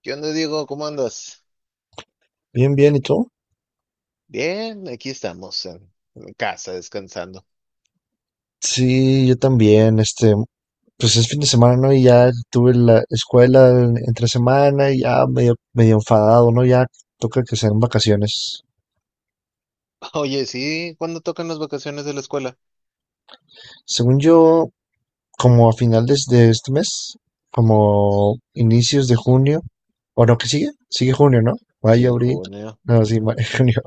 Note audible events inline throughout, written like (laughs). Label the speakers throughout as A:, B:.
A: ¿Qué onda, Diego? ¿Cómo andas?
B: Bien, bien, ¿y tú?
A: Bien, aquí estamos en casa descansando.
B: Sí, yo también, pues es fin de semana, ¿no? Y ya tuve la escuela entre semana y ya medio enfadado, ¿no? Ya toca que sean vacaciones.
A: (laughs) Oye, sí, ¿cuándo tocan las vacaciones de la escuela?
B: Según yo, como a finales de este mes, como inicios de junio, o no, ¿qué sigue? Sigue junio, ¿no?
A: Sí,
B: Mayo,
A: en
B: abril,
A: junio.
B: no, sí, mayo, (laughs) junio.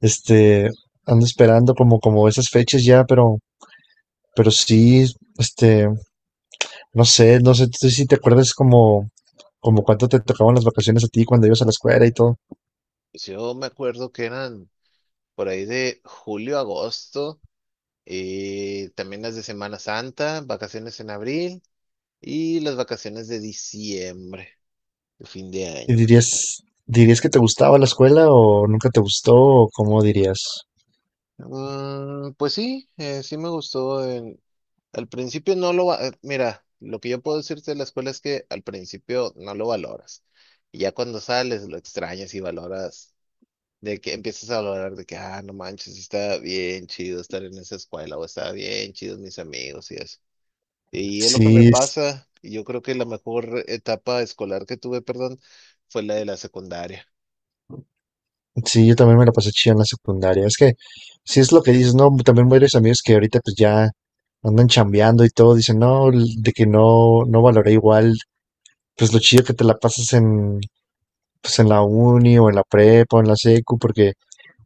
B: Este, Ando esperando como esas fechas ya, pero sí, este, no sé, tú si te acuerdas como... Como cuánto te tocaban las vacaciones a ti cuando ibas a la escuela y todo.
A: Pues yo me acuerdo que eran por ahí de julio, agosto, y también las de Semana Santa, vacaciones en abril y las vacaciones de diciembre, de fin de
B: ¿Y
A: año.
B: dirías, dirías que te gustaba la escuela o nunca te gustó o cómo dirías?
A: Pues sí, sí me gustó. Al principio no lo va, mira, lo que yo puedo decirte de la escuela es que al principio no lo valoras. Y ya cuando sales lo extrañas y valoras, de que empiezas a valorar de que, ah, no manches, está bien chido estar en esa escuela o está bien chidos mis amigos y eso. Y es lo que me
B: Sí,
A: pasa. Y yo creo que la mejor etapa escolar que tuve, perdón, fue la de la secundaria.
B: sí, yo también me la pasé chido en la secundaria. Si es lo que dices, ¿no? También varios amigos que ahorita pues ya andan chambeando y todo, dicen, no, l- de que no, no valoré igual, pues lo chido que te la pasas pues en la uni o en la prepa o en la secu, porque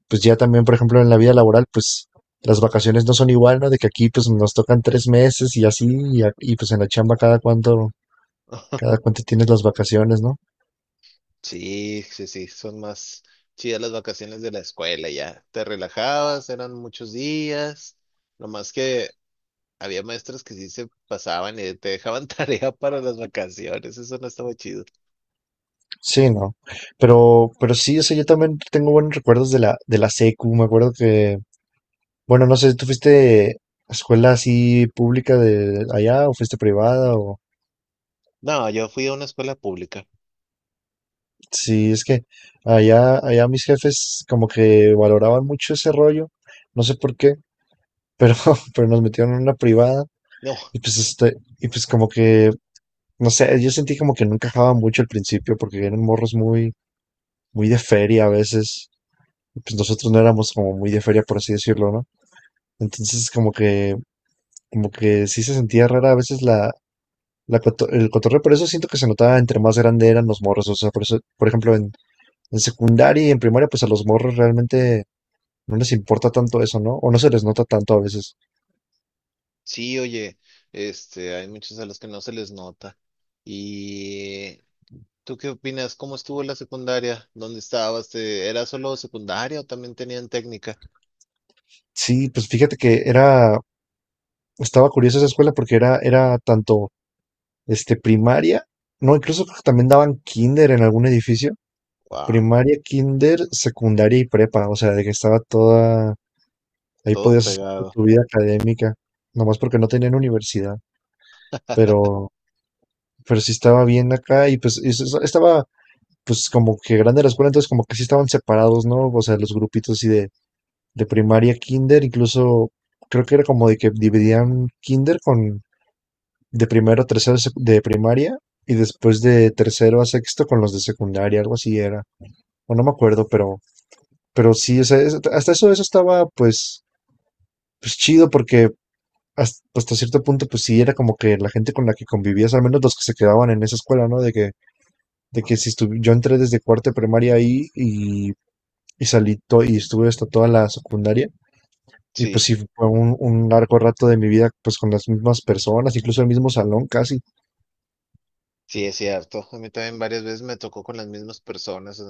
B: pues ya también, por ejemplo, en la vida laboral, pues las vacaciones no son igual, ¿no? De que aquí pues nos tocan tres meses y así, y pues en la chamba cada cada
A: (laughs)
B: cuánto tienes las vacaciones, ¿no?
A: Sí, sí, sí, son más chidas las vacaciones de la escuela ya. Te relajabas, eran muchos días. Nomás que había maestros que sí se pasaban y te dejaban (laughs) tarea para las vacaciones, eso no estaba chido.
B: Sí, no. Pero sí, o sea, yo también tengo buenos recuerdos de la secu. Me acuerdo que, bueno, no sé, ¿tú fuiste a escuela así pública de allá o fuiste privada? O
A: No, yo fui a una escuela pública.
B: sí, es que allá mis jefes como que valoraban mucho ese rollo. No sé por qué, pero, (laughs) pero nos metieron en una privada.
A: No,
B: Y pues y pues como que, no sé, yo sentí como que no encajaba mucho al principio, porque eran morros muy de feria a veces. Y pues nosotros no éramos como muy de feria, por así decirlo, ¿no? Entonces, como que sí se sentía rara a veces el cotorreo, por eso siento que se notaba entre más grande eran los morros. O sea, por eso, por ejemplo, en secundaria y en primaria, pues a los morros realmente no les importa tanto eso, ¿no? O no se les nota tanto a veces.
A: sí, oye, hay muchos a los que no se les nota. ¿Y tú qué opinas? ¿Cómo estuvo la secundaria? ¿Dónde estabas? ¿Era solo secundaria o también tenían técnica?
B: Sí, pues fíjate que estaba curiosa esa escuela porque era tanto, este, primaria, no, incluso creo que también daban kinder en algún edificio.
A: Wow,
B: Primaria, kinder, secundaria y prepa, o sea, de que estaba toda, ahí
A: todo
B: podías hacer toda
A: pegado.
B: tu vida académica, nomás porque no tenían universidad,
A: (laughs)
B: pero, pero sí estaba bien acá y pues estaba pues como que grande la escuela, entonces como que sí estaban separados, ¿no? O sea, los grupitos así de primaria, kinder, incluso creo que era como de que dividían kinder con de primero a tercero de de primaria y después de tercero a sexto con los de secundaria, algo así era, o no me acuerdo, pero sí, o sea, es- hasta eso, eso estaba pues, pues chido porque hasta, pues, hasta cierto punto, pues sí, era como que la gente con la que convivías, al menos los que se quedaban en esa escuela, ¿no? De que si estuve, yo entré desde cuarto de primaria ahí y y estuve hasta toda la secundaria. Y pues
A: Sí,
B: sí, fue un largo rato de mi vida, pues con las mismas personas, incluso el mismo salón casi.
A: sí, es cierto. A mí también varias veces me tocó con las mismas personas.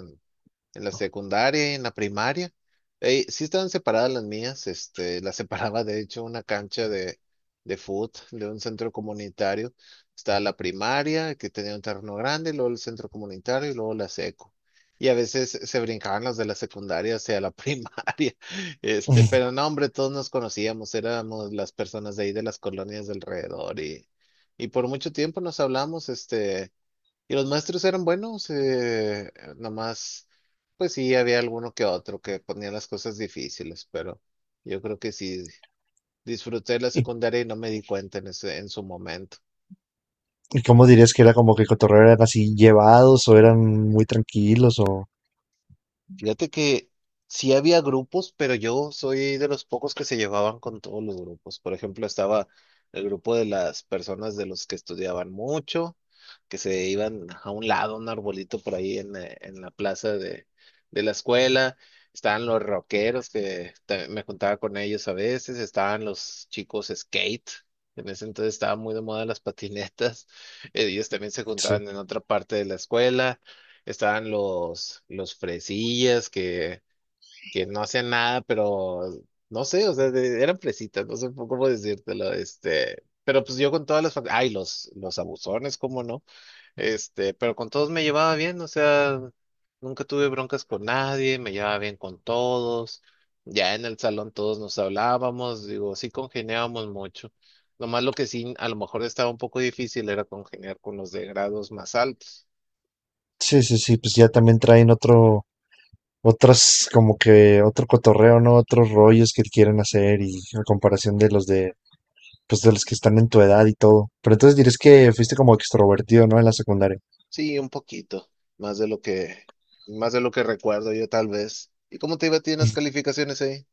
A: En la secundaria, en la primaria. Sí estaban separadas las mías, las (laughs) separaba de hecho una cancha de, fútbol, de un centro comunitario. Estaba la primaria, que tenía un terreno grande, luego el centro comunitario y luego la seco. Y a veces se brincaban las de la secundaria hacia la (laughs) primaria. Pero
B: (laughs)
A: no, hombre, todos nos conocíamos, éramos las personas de ahí de las colonias de alrededor y por mucho tiempo nos hablamos. Y los maestros eran buenos, nomás, pues sí, había alguno que otro que ponía las cosas difíciles, pero yo creo que sí, disfruté la
B: ¿Y,
A: secundaria y no me di cuenta en en su momento.
B: y cómo dirías que era como que cotorreo eran así llevados o eran muy tranquilos o
A: Fíjate que sí había grupos, pero yo soy de los pocos que se llevaban con todos los grupos. Por ejemplo, estaba el grupo de las personas de los que estudiaban mucho, que se iban a un lado, un arbolito por ahí en la plaza de, la escuela. Estaban los rockeros, me juntaba con ellos a veces. Estaban los chicos skate. En ese entonces estaban muy de moda las patinetas. (laughs) Ellos también se
B: sí.
A: juntaban en otra parte de la escuela. Estaban los, fresillas que no hacían nada, pero no sé, o sea, eran fresitas, no sé cómo decírtelo, pero pues yo con todas los abusones, cómo no, pero con todos me llevaba bien, o sea, nunca tuve broncas con nadie, me llevaba bien con todos, ya en el salón todos nos hablábamos, digo, sí congeniábamos mucho. Nomás lo que sí, a lo mejor estaba un poco difícil era congeniar con los de grados más altos.
B: Sí, sí, sí, pues ya también traen otro, otras como que otro cotorreo, ¿no? Otros rollos que quieren hacer y a comparación de los de, pues de los que están en tu edad y todo. Pero entonces dirías que fuiste como extrovertido, ¿no? En la secundaria.
A: Sí, un poquito, más de lo que, más de lo que recuerdo yo tal vez. ¿Y cómo te iba a ti en las calificaciones ahí?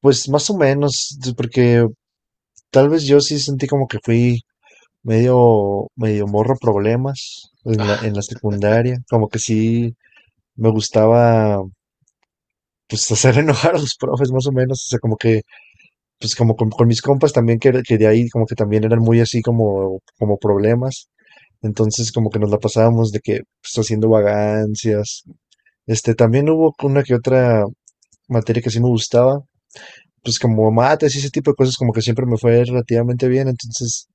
B: Pues más o menos, t- porque tal vez yo sí sentí como que fui medio morro problemas en en
A: Ah,
B: la secundaria. Como que sí me gustaba, pues (laughs) hacer enojar a los profes más o menos. O sea, como que, pues con mis compas también que de ahí como que también eran muy así como problemas. Entonces, como que nos la pasábamos de que pues, haciendo vagancias. También hubo una que otra materia que sí me gustaba, pues como mates y ese tipo de cosas, como que siempre me fue relativamente bien, entonces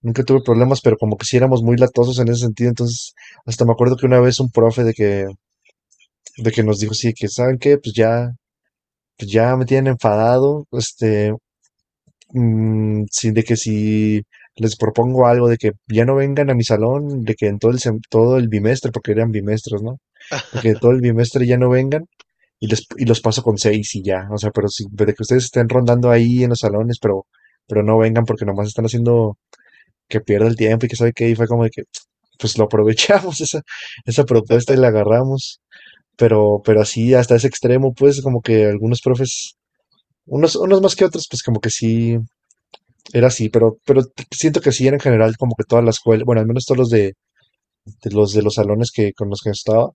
B: nunca tuve problemas, pero como que sí éramos muy latosos en ese sentido, entonces hasta me acuerdo que una vez un profe de que nos dijo sí, que ¿saben qué? Pues ya me tienen enfadado, este, mm, sí, de que si les propongo algo de que ya no vengan a mi salón, de que en todo el todo el bimestre, porque eran bimestres, ¿no? De que todo el bimestre ya no vengan y y los paso con seis y ya. O sea, pero si, de que ustedes estén rondando ahí en los salones, pero no vengan porque nomás están haciendo que pierda el tiempo y que sabe qué y fue como de que pues lo aprovechamos (laughs) esa propuesta y la agarramos. Pero así hasta ese extremo, pues como que algunos profes, unos más que otros, pues como que sí, era así, pero siento que sí era en general como que toda la escuela, bueno, al menos todos los de los salones que con los que estaba,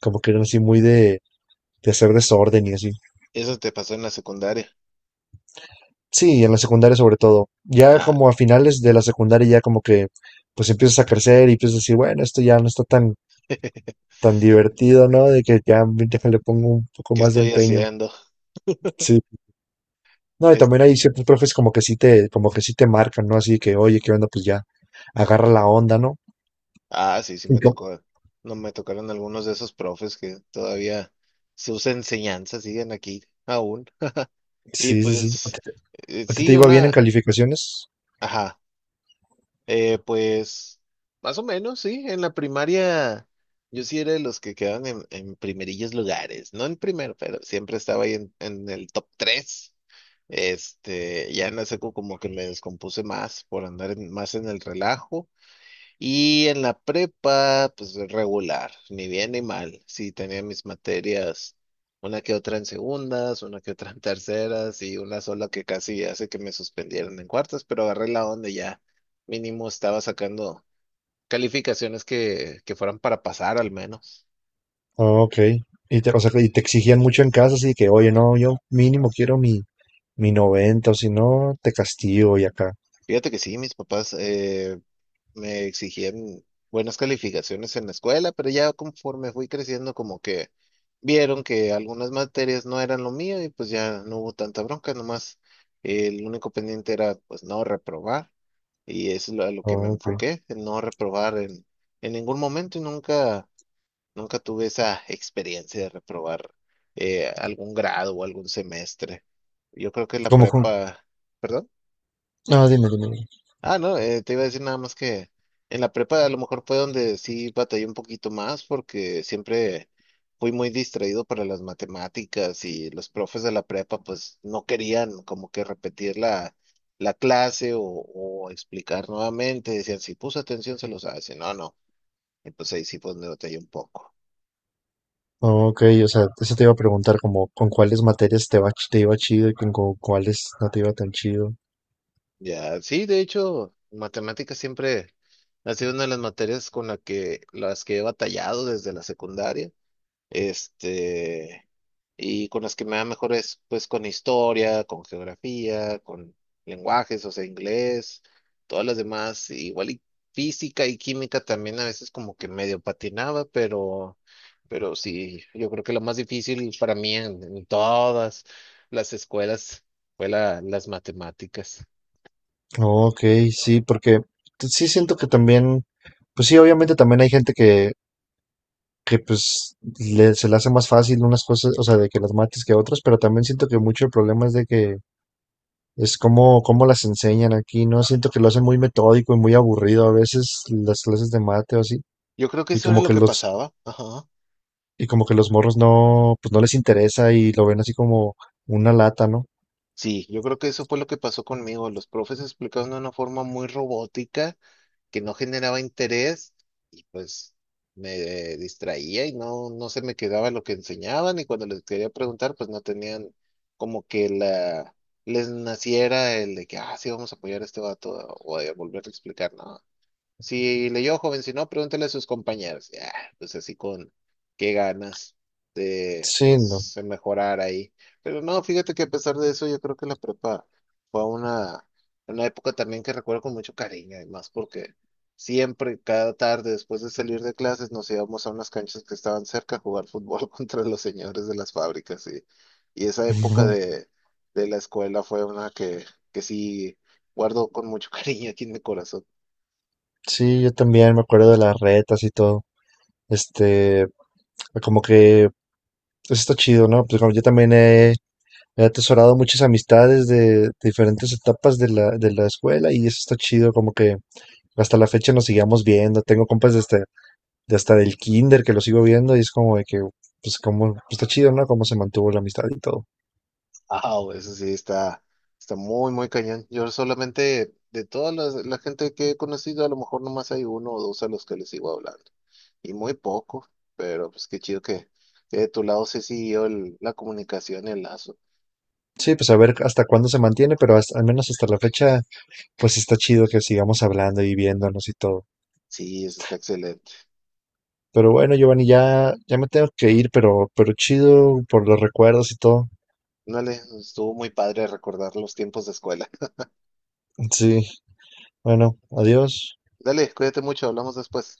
B: como que eran así muy de hacer desorden y así.
A: eso te pasó en la secundaria.
B: Sí, en la secundaria sobre todo. Ya
A: Ah,
B: como a finales de la secundaria ya como que pues empiezas a crecer y empiezas a decir, bueno, esto ya no está
A: (laughs)
B: tan divertido, ¿no? De que ya déjale pongo un poco
A: ¿qué
B: más de
A: estoy
B: empeño.
A: haciendo?
B: Sí. No, y
A: Es,
B: también hay ciertos profes como que sí te marcan, ¿no? Así que, oye, ¿qué onda? Pues ya agarra la onda, ¿no?
A: sí, sí
B: Y
A: me
B: como-
A: tocó. No me tocaron algunos de esos profes que todavía sus enseñanzas siguen aquí aún. Y
B: sí, sí, sí.
A: pues,
B: ¿A ti te
A: sí,
B: iba bien en calificaciones?
A: ajá. Pues, más o menos, sí. En la primaria, yo sí era de los que quedaban en, primerillos lugares. No en primero, pero siempre estaba ahí en el top tres. Ya en la secu como que me descompuse más por andar más en el relajo. Y en la prepa, pues regular, ni bien ni mal. Sí, tenía mis materias, una que otra en segundas, una que otra en terceras y una sola que casi hace que me suspendieran en cuartas, pero agarré la onda y ya. Mínimo estaba sacando calificaciones que fueran para pasar al menos.
B: Ah, ok. Y te, o sea, y te exigían mucho en casa, así que, oye, no, yo mínimo quiero mi 90, o si no, te castigo y acá.
A: Fíjate que sí, mis papás, me exigían buenas calificaciones en la escuela, pero ya conforme fui creciendo, como que vieron que algunas materias no eran lo mío y pues ya no hubo tanta bronca, nomás el único pendiente era pues no reprobar y eso es a lo
B: Ah,
A: que me
B: ok.
A: enfoqué, en no reprobar en, ningún momento y nunca, nunca tuve esa experiencia de reprobar algún grado o algún semestre. Yo creo que la
B: ¿Cómo con...?
A: prepa, ¿perdón?
B: Ah, dime.
A: Ah, no, te iba a decir nada más que en la prepa a lo mejor fue donde sí batallé un poquito más porque siempre fui muy distraído para las matemáticas y los profes de la prepa pues no querían como que repetir la, clase o explicar nuevamente. Decían, si puso atención se lo sabe, si no, no. Y pues ahí sí pues me batallé un poco.
B: Ah, ok, o sea, eso te iba a preguntar, como con cuáles materias te iba chido y con cuáles no te iba tan chido.
A: Ya, sí, de hecho, matemáticas siempre ha sido una de las materias las que he batallado desde la secundaria. Este... y con las que me va mejor es pues con historia, con geografía, con lenguajes, o sea, inglés, todas las demás, igual y física y química también a veces como que medio patinaba, pero, sí, yo creo que lo más difícil para mí en todas las escuelas fue las matemáticas.
B: Ok, sí, porque t- sí siento que también, pues sí, obviamente también hay gente que pues se le hace más fácil unas cosas, o sea, de que las mates que otras, pero también siento que mucho el problema es de que es como, cómo las enseñan aquí, ¿no? Siento que lo hacen muy metódico y muy aburrido a veces las clases de mate o así,
A: Yo creo que
B: y
A: eso era
B: como
A: lo
B: que
A: que
B: los,
A: pasaba, ajá.
B: y como que los morros no, pues no les interesa y lo ven así como una lata, ¿no?
A: Sí, yo creo que eso fue lo que pasó conmigo. Los profes explicaron de una forma muy robótica que no generaba interés y pues me distraía y no se me quedaba lo que enseñaban y cuando les quería preguntar pues no tenían como que la les naciera el de que, ah, sí, vamos a apoyar a este vato o de volver a explicar, ¿no? Si leyó, joven, si no, pregúntele a sus compañeros. Ya, pues así con qué ganas de,
B: Sí, no.
A: pues, de mejorar ahí. Pero no, fíjate que a pesar de eso, yo creo que la prepa fue una, época también que recuerdo con mucho cariño, además, porque siempre, cada tarde, después de salir de clases, nos íbamos a unas canchas que estaban cerca a jugar fútbol (laughs) contra los señores de las fábricas. Y esa época
B: (laughs)
A: de, la escuela fue una que sí guardo con mucho (laughs) cariño aquí en mi corazón.
B: Sí, yo también me acuerdo de las retas y todo. Este, Como que eso está chido, ¿no? Pues como yo también he atesorado muchas amistades de, diferentes etapas de la escuela y eso está chido, como que hasta la fecha nos sigamos viendo. Tengo compas desde, de hasta del kinder que lo sigo viendo y es como de que, pues como, pues, está chido, ¿no? Cómo se mantuvo la amistad y todo.
A: Ah, eso sí, está, muy, muy cañón. Yo solamente, de toda la gente que he conocido, a lo mejor nomás hay uno o dos a los que les sigo hablando. Y muy poco, pero pues qué chido que de tu lado se siguió la comunicación y el lazo.
B: Sí, pues a ver hasta cuándo se mantiene, pero hasta- al menos hasta la fecha, pues está chido que sigamos hablando y viéndonos y todo.
A: Sí, eso está excelente.
B: Pero bueno, Giovanni, ya me tengo que ir, pero chido por los recuerdos y todo.
A: Dale, estuvo muy padre recordar los tiempos de escuela.
B: Sí, bueno, adiós.
A: Dale, cuídate mucho, hablamos después.